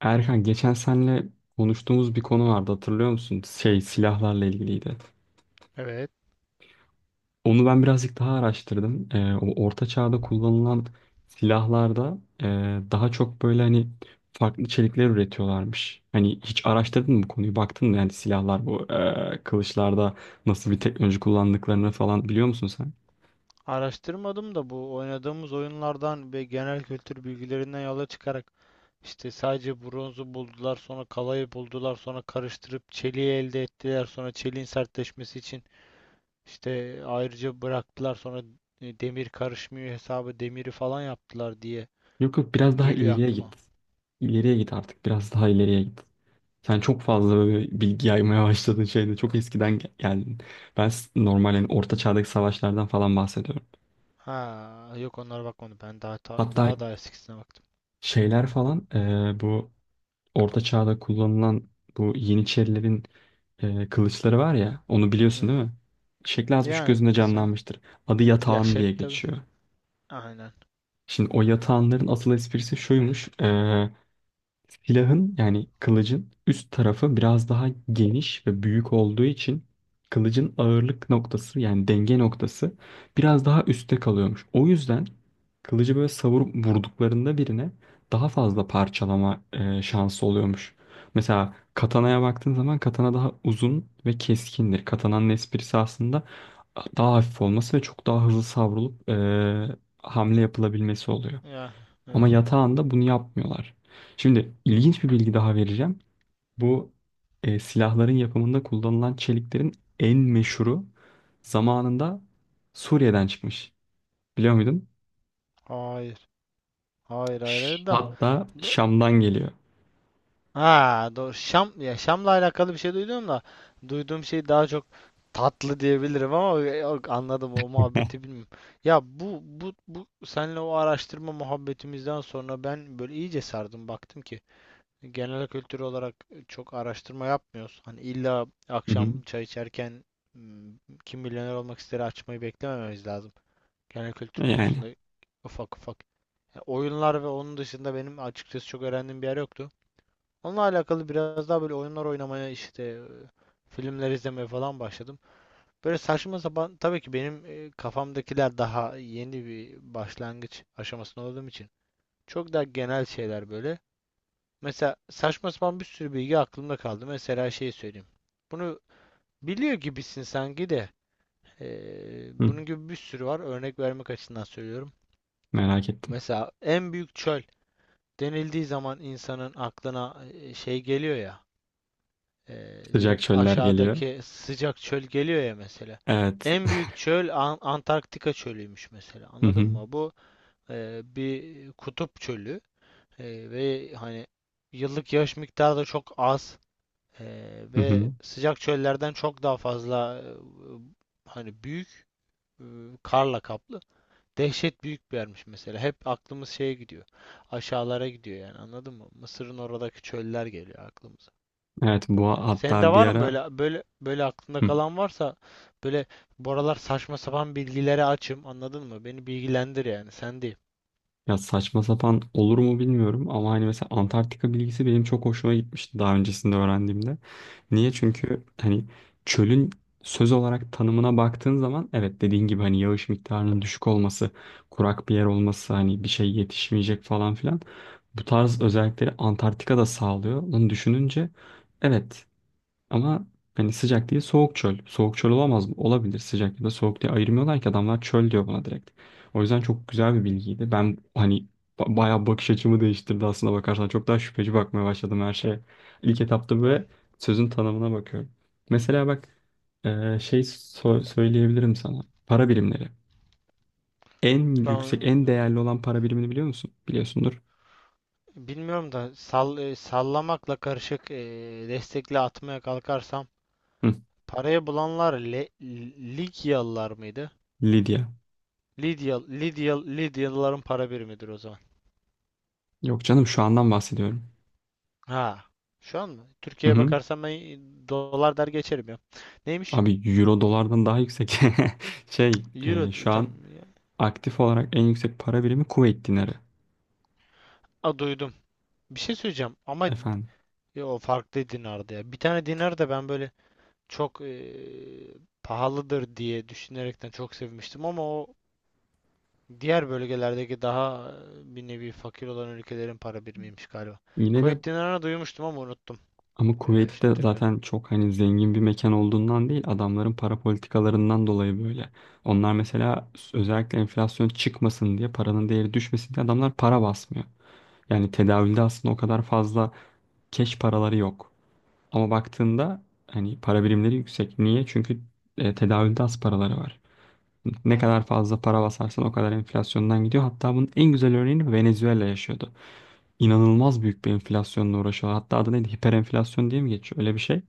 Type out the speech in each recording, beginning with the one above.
Erkan geçen senle konuştuğumuz bir konu vardı hatırlıyor musun? Şey silahlarla ilgiliydi. Evet. Onu ben birazcık daha araştırdım. O orta çağda kullanılan silahlarda daha çok böyle hani farklı çelikler üretiyorlarmış. Hani hiç araştırdın mı bu konuyu? Baktın mı yani silahlar bu kılıçlarda nasıl bir teknoloji kullandıklarını falan biliyor musun sen? Araştırmadım da bu oynadığımız oyunlardan ve genel kültür bilgilerinden yola çıkarak işte sadece bronzu buldular, sonra kalayı buldular, sonra karıştırıp çeliği elde ettiler, sonra çeliğin sertleşmesi için işte ayrıca bıraktılar, sonra demir karışmıyor hesabı demiri falan yaptılar diye Yok yok, biraz daha geliyor ileriye aklıma. git. İleriye git artık, biraz daha ileriye git. Sen çok fazla böyle bilgi yaymaya başladın şeyde. Çok eskiden geldin. Ben normal yani orta çağdaki savaşlardan falan bahsediyorum. Ha, yok, onlara bakmadım, ben Hatta daha da eskisine baktım. şeyler falan bu orta çağda kullanılan bu Yeniçerilerin kılıçları var ya. Onu Hı biliyorsun değil hı. mi? Şekli az buçuk Yani gözünde kısmen. canlanmıştır. Adı Ya yatağan diye tabii. geçiyor. Aynen. Şimdi o yatağanların asıl esprisi şuymuş. Silahın yani kılıcın üst tarafı biraz daha geniş ve büyük olduğu için kılıcın ağırlık noktası yani denge noktası biraz daha üstte kalıyormuş. O yüzden kılıcı böyle savurup vurduklarında birine daha fazla parçalama şansı oluyormuş. Mesela katanaya baktığın zaman katana daha uzun ve keskindir. Katananın esprisi aslında daha hafif olması ve çok daha hızlı savrulup hamle yapılabilmesi oluyor. Ya, evet. Ama yatağında bunu yapmıyorlar. Şimdi ilginç bir bilgi daha vereceğim. Bu silahların yapımında kullanılan çeliklerin en meşhuru zamanında Suriye'den çıkmış. Biliyor muydun? Hayır. Hayır, hayır, hayır da. Hatta da- Şam'dan geliyor. Ha, doğru. Şam, ya, Şam'la alakalı bir şey duydum da duyduğum şey daha çok tatlı diyebilirim ama yok, anladım, o muhabbeti bilmiyorum. Ya, bu senle o araştırma muhabbetimizden sonra ben böyle iyice sardım, baktım ki genel kültür olarak çok araştırma yapmıyoruz. Hani illa Hı hı. akşam çay içerken hmm, kim milyoner olmak ister açmayı beklemememiz lazım. Genel kültür Yani konusunda ufak ufak, ya, oyunlar ve onun dışında benim açıkçası çok öğrendiğim bir yer yoktu. Onunla alakalı biraz daha böyle oyunlar oynamaya işte filmler izlemeye falan başladım. Böyle saçma sapan tabii ki benim kafamdakiler daha yeni bir başlangıç aşamasında olduğum için çok daha genel şeyler böyle. Mesela saçma sapan bir sürü bilgi aklımda kaldı. Mesela şey söyleyeyim. Bunu biliyor gibisin sanki de hı, bunun gibi bir sürü var. Örnek vermek açısından söylüyorum. merak ettim. Mesela en büyük çöl denildiği zaman insanın aklına şey geliyor ya, e, Sıcak direkt çöller geliyor. aşağıdaki sıcak çöl geliyor ya mesela. Evet. En büyük çöl Antarktika çölüymüş mesela. Hı Anladın hı. mı? Bu bir kutup çölü. Ve hani yıllık yağış miktarı da çok az. E, Hı ve hı. sıcak çöllerden çok daha fazla, hani büyük, e, karla kaplı. Dehşet büyük bir yermiş mesela. Hep aklımız şeye gidiyor. Aşağılara gidiyor yani, anladın mı? Mısır'ın oradaki çöller geliyor aklımıza. Evet, bu Senin de hatta bir var mı ara. böyle aklında kalan varsa, böyle, bu aralar saçma sapan bilgilere açım, anladın mı? Beni bilgilendir, yani sen değil. Ya, saçma sapan olur mu bilmiyorum ama hani mesela Antarktika bilgisi benim çok hoşuma gitmişti daha öncesinde öğrendiğimde. Niye? Hı hı. Çünkü hani çölün söz olarak tanımına baktığın zaman evet, dediğin gibi hani yağış miktarının düşük olması, kurak bir yer olması, hani bir şey yetişmeyecek falan filan. Bu tarz özellikleri Antarktika da sağlıyor. Bunu düşününce evet, ama hani sıcak değil, soğuk çöl. Soğuk çöl olamaz mı? Olabilir. Sıcak ya da soğuk diye ayırmıyorlar ki adamlar, çöl diyor buna direkt. O yüzden çok güzel bir bilgiydi. Ben hani bayağı bakış açımı değiştirdi aslında bakarsan. Çok daha şüpheci bakmaya başladım her şeye. İlk etapta Ya, böyle sözün tanımına bakıyorum. Mesela bak, söyleyebilirim sana. Para birimleri. En ben yüksek, en değerli olan para birimini biliyor musun? Biliyorsundur. bilmiyorum da sallamakla karışık destekli atmaya kalkarsam Hı. parayı bulanlar Ligyalılar mıydı? Lidya. Lidya Lidyalıların para birimidir o zaman. Yok canım, şu andan bahsediyorum. Ha, şu an mı? Hı Türkiye'ye hı. bakarsan ben dolar der geçerim ya. Neymiş? Abi, euro dolardan daha yüksek. Şey Euro e, şu tam an ya. aktif olarak en yüksek para birimi Kuveyt dinarı. A, duydum. Bir şey söyleyeceğim ama Efendim. O farklı dinardı ya. Bir tane dinar da ben böyle çok pahalıdır diye düşünerekten çok sevmiştim ama o diğer bölgelerdeki daha bir nevi fakir olan ülkelerin para birimiymiş galiba. Yine de Kuveyt dinarını duymuştum ama unuttum. ama Ya, şimdi Kuveyt'te tekrar zaten çok hani zengin bir mekan olduğundan değil, adamların para politikalarından dolayı böyle. Onlar mesela özellikle enflasyon çıkmasın diye, paranın değeri düşmesin diye adamlar para basmıyor. Yani tedavülde aslında o kadar fazla keş paraları yok. Ama baktığında hani para birimleri yüksek. Niye? Çünkü tedavülde az paraları var. Ne kadar anladım. fazla para basarsan o kadar enflasyondan gidiyor. Hatta bunun en güzel örneğini Venezuela yaşıyordu. İnanılmaz büyük bir enflasyonla uğraşıyorlar. Hatta adı neydi? Hiperenflasyon diye mi geçiyor? Öyle bir şey.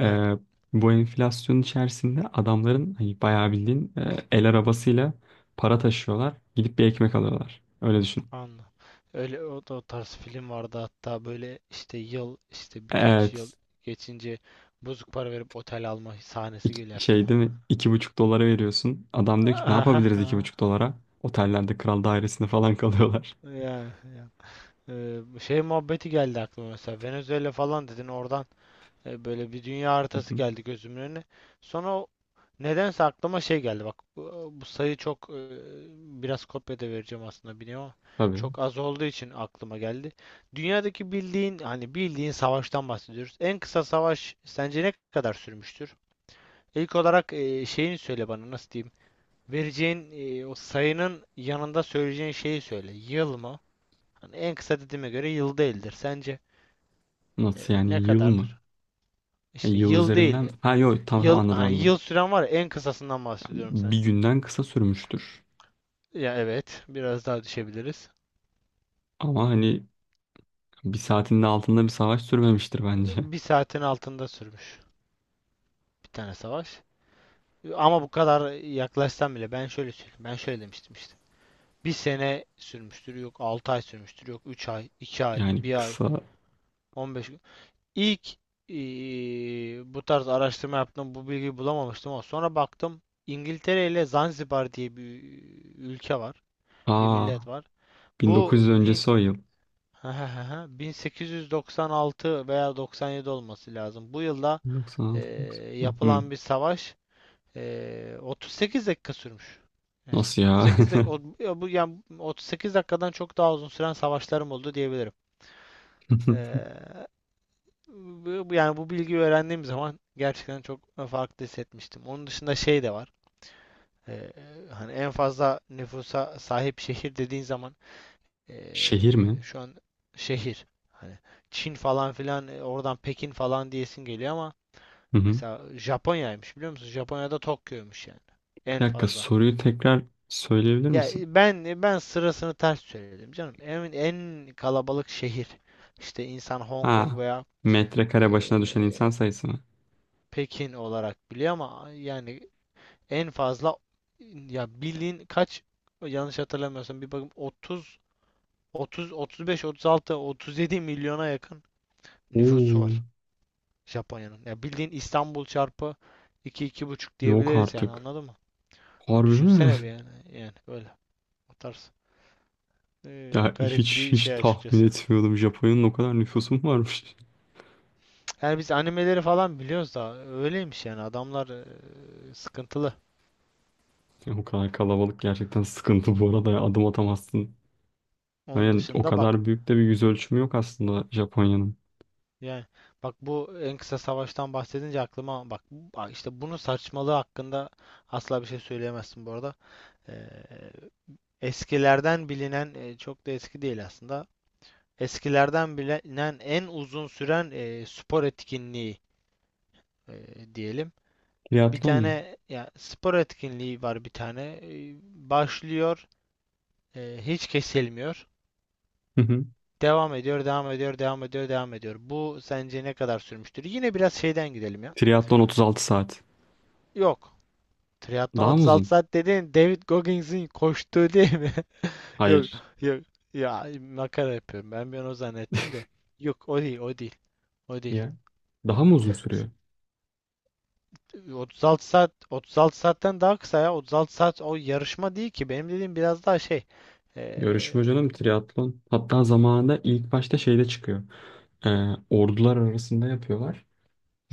Ee, Bu enflasyonun içerisinde adamların hani bayağı bildiğin el arabasıyla para taşıyorlar. Gidip bir ekmek alıyorlar. Öyle düşün. Anladım. Öyle, da o tarz film vardı hatta, böyle işte yıl, işte birkaç yıl Evet. geçince bozuk para verip otel alma sahnesi İki, geliyor şey aklıma. değil mi? 2,5 dolara veriyorsun. Adam diyor ki ne yapabiliriz iki Aha. buçuk dolara? Otellerde kral dairesinde falan kalıyorlar. Yani, yani. Şey muhabbeti geldi aklıma, mesela Venezuela falan dedin oradan. Böyle bir dünya Hı haritası hı. geldi gözümün önüne. Sonra nedense aklıma şey geldi. Bak, bu sayı çok, biraz kopya da vereceğim aslında biliyorum ama Tabii. çok az olduğu için aklıma geldi. Dünyadaki bildiğin, hani bildiğin savaştan bahsediyoruz. En kısa savaş sence ne kadar sürmüştür? İlk olarak şeyini söyle bana, nasıl diyeyim? Vereceğin o sayının yanında söyleyeceğin şeyi söyle. Yıl mı? Hani en kısa dediğime göre yıl değildir. Sence Nasıl ne yani, yıl mı? kadardır? Yani İşte yıl yıl üzerinden, değil. ha yok tamam tamam, Yıl, anladım hani anladım. yıl süren var ya, en kısasından Yani bahsediyorum bir sence. günden kısa sürmüştür. Ya evet, biraz daha düşebiliriz. Ama hani bir saatinin altında bir savaş sürmemiştir bence. Bir saatin altında sürmüş bir tane savaş. Ama bu kadar yaklaşsam bile ben şöyle söyleyeyim. Ben şöyle demiştim işte. Bir sene sürmüştür, yok 6 ay sürmüştür, yok 3 ay, 2 ay, Yani bir ay, kısa. 15 gün. İlk bu tarz araştırma yaptım, bu bilgiyi bulamamıştım ama sonra baktım, İngiltere ile Zanzibar diye bir ülke var, bir Aa, millet var. Bu 1900 bin- öncesi o yıl. 1896 veya 97 olması lazım. Bu yılda e, 96, 96. Hı, yapılan bir savaş 38 dakika sürmüş. Neyse, nasıl ya? 38 ya bu yani 38 dakikadan çok daha uzun süren savaşlarım oldu diyebilirim. E, yani bu bilgiyi öğrendiğim zaman gerçekten çok farklı hissetmiştim. Onun dışında şey de var. E, hani en fazla nüfusa sahip şehir dediğin zaman, Şehir mi? şu an şehir. Hani Çin falan filan, oradan Pekin falan diyesin geliyor ama Hı hı. mesela Japonya'ymış, biliyor musun? Japonya'da Tokyo'ymuş yani. Bir En dakika, fazla. soruyu tekrar söyleyebilir Ya, misin? Ben sırasını ters söyledim canım. En kalabalık şehir. İşte insan Hong Kong Ha, veya metrekare başına düşen insan eee, sayısı mı? Pekin olarak biliyor ama yani en fazla, ya bildiğin kaç, yanlış hatırlamıyorsam bir bakayım, 30, 30, 35, 36, 37 milyona yakın nüfusu Oo, var Japonya'nın. Ya bildiğin İstanbul çarpı iki, iki buçuk yok diyebiliriz yani, artık. anladın mı? Harbi mi? Düşünsene bir yani, yani öyle, o tarz. Ya, Garip hiç bir hiç şey tahmin açıkçası. etmiyordum. Japonya'nın o kadar nüfusu mu varmış? Yani biz animeleri falan biliyoruz da öyleymiş yani adamlar sıkıntılı. Ya bu kadar kalabalık gerçekten sıkıntı bu arada ya. Adım atamazsın. Onun Yani o dışında bak, kadar büyük de bir yüz ölçümü yok aslında Japonya'nın. yani bak, bu en kısa savaştan bahsedince aklıma bak, işte bunun saçmalığı hakkında asla bir şey söyleyemezsin bu arada. Ee, eskilerden bilinen, çok da eski değil aslında. Eskilerden bilinen en uzun süren spor etkinliği e, diyelim. Bir Triatlon mu? tane, ya, spor etkinliği var bir tane. Başlıyor, hiç kesilmiyor. Hı hı. Devam ediyor, devam ediyor, devam ediyor, devam ediyor. Bu sence ne kadar sürmüştür? Yine biraz şeyden gidelim ya. Triatlon 36 saat. Yok. Triatlon Daha mı 36 uzun? saat dedin, David Goggins'in koştuğu değil mi? Yok, Hayır. yok. Ya, makara yapıyorum. Ben bir an o zannettim de. Yok, o değil, o değil. O değil. Ya daha mı uzun sürüyor? 36 saat, 36 saatten daha kısa ya. 36 saat o yarışma değil ki. Benim dediğim biraz daha şey. Eee, Yarışma canım triatlon. Hatta zamanında ilk başta şeyde çıkıyor. Ee, Ordular arasında yapıyorlar.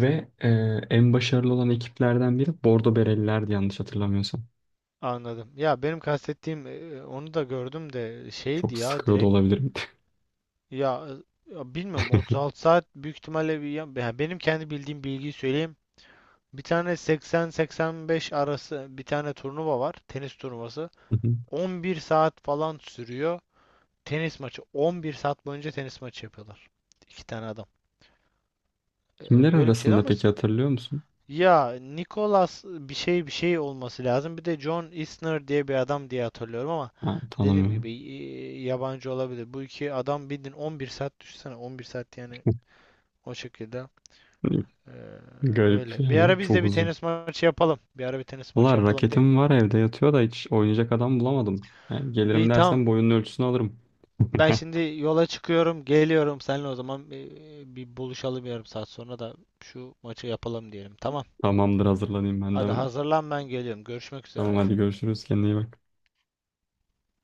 Ve en başarılı olan ekiplerden biri Bordo Berelilerdi yanlış hatırlamıyorsam. anladım. Ya benim kastettiğim onu da gördüm de şeydi Çok ya, sıkıyor da direkt. olabilirim. Ya, ya bilmiyorum, 36 saat büyük ihtimalle bir, ya benim kendi bildiğim bilgiyi söyleyeyim. Bir tane 80-85 arası bir tane turnuva var. Tenis turnuvası. Hı hı. 11 saat falan sürüyor. Tenis maçı. 11 saat boyunca tenis maçı yapıyorlar. İki tane adam. Kimler Böyle bir şey de arasında ama, peki, hatırlıyor musun? ya, Nicholas bir şey bir şey olması lazım. Bir de John Isner diye bir adam diye hatırlıyorum ama Ha, dediğim gibi tanımıyorum. Yabancı olabilir. Bu iki adam bildin 11 saat, düşünsene 11 saat yani o şekilde. Hani Ee, garip öyle. Bir ara yani, biz çok de bir uzun. tenis maçı yapalım. Bir ara bir tenis Valla maçı yapalım diyelim. raketim var evde yatıyor da hiç oynayacak adam bulamadım. Yani İyi, gelirim dersen tamam. boyunun ölçüsünü alırım. Ben şimdi yola çıkıyorum, geliyorum. Seninle o zaman bir buluşalım yarım saat sonra da şu maçı yapalım diyelim. Tamam. Tamamdır, hazırlanayım ben de Hadi hemen. hazırlan, ben geliyorum. Görüşmek Tamam üzere. hadi görüşürüz, kendine iyi bak.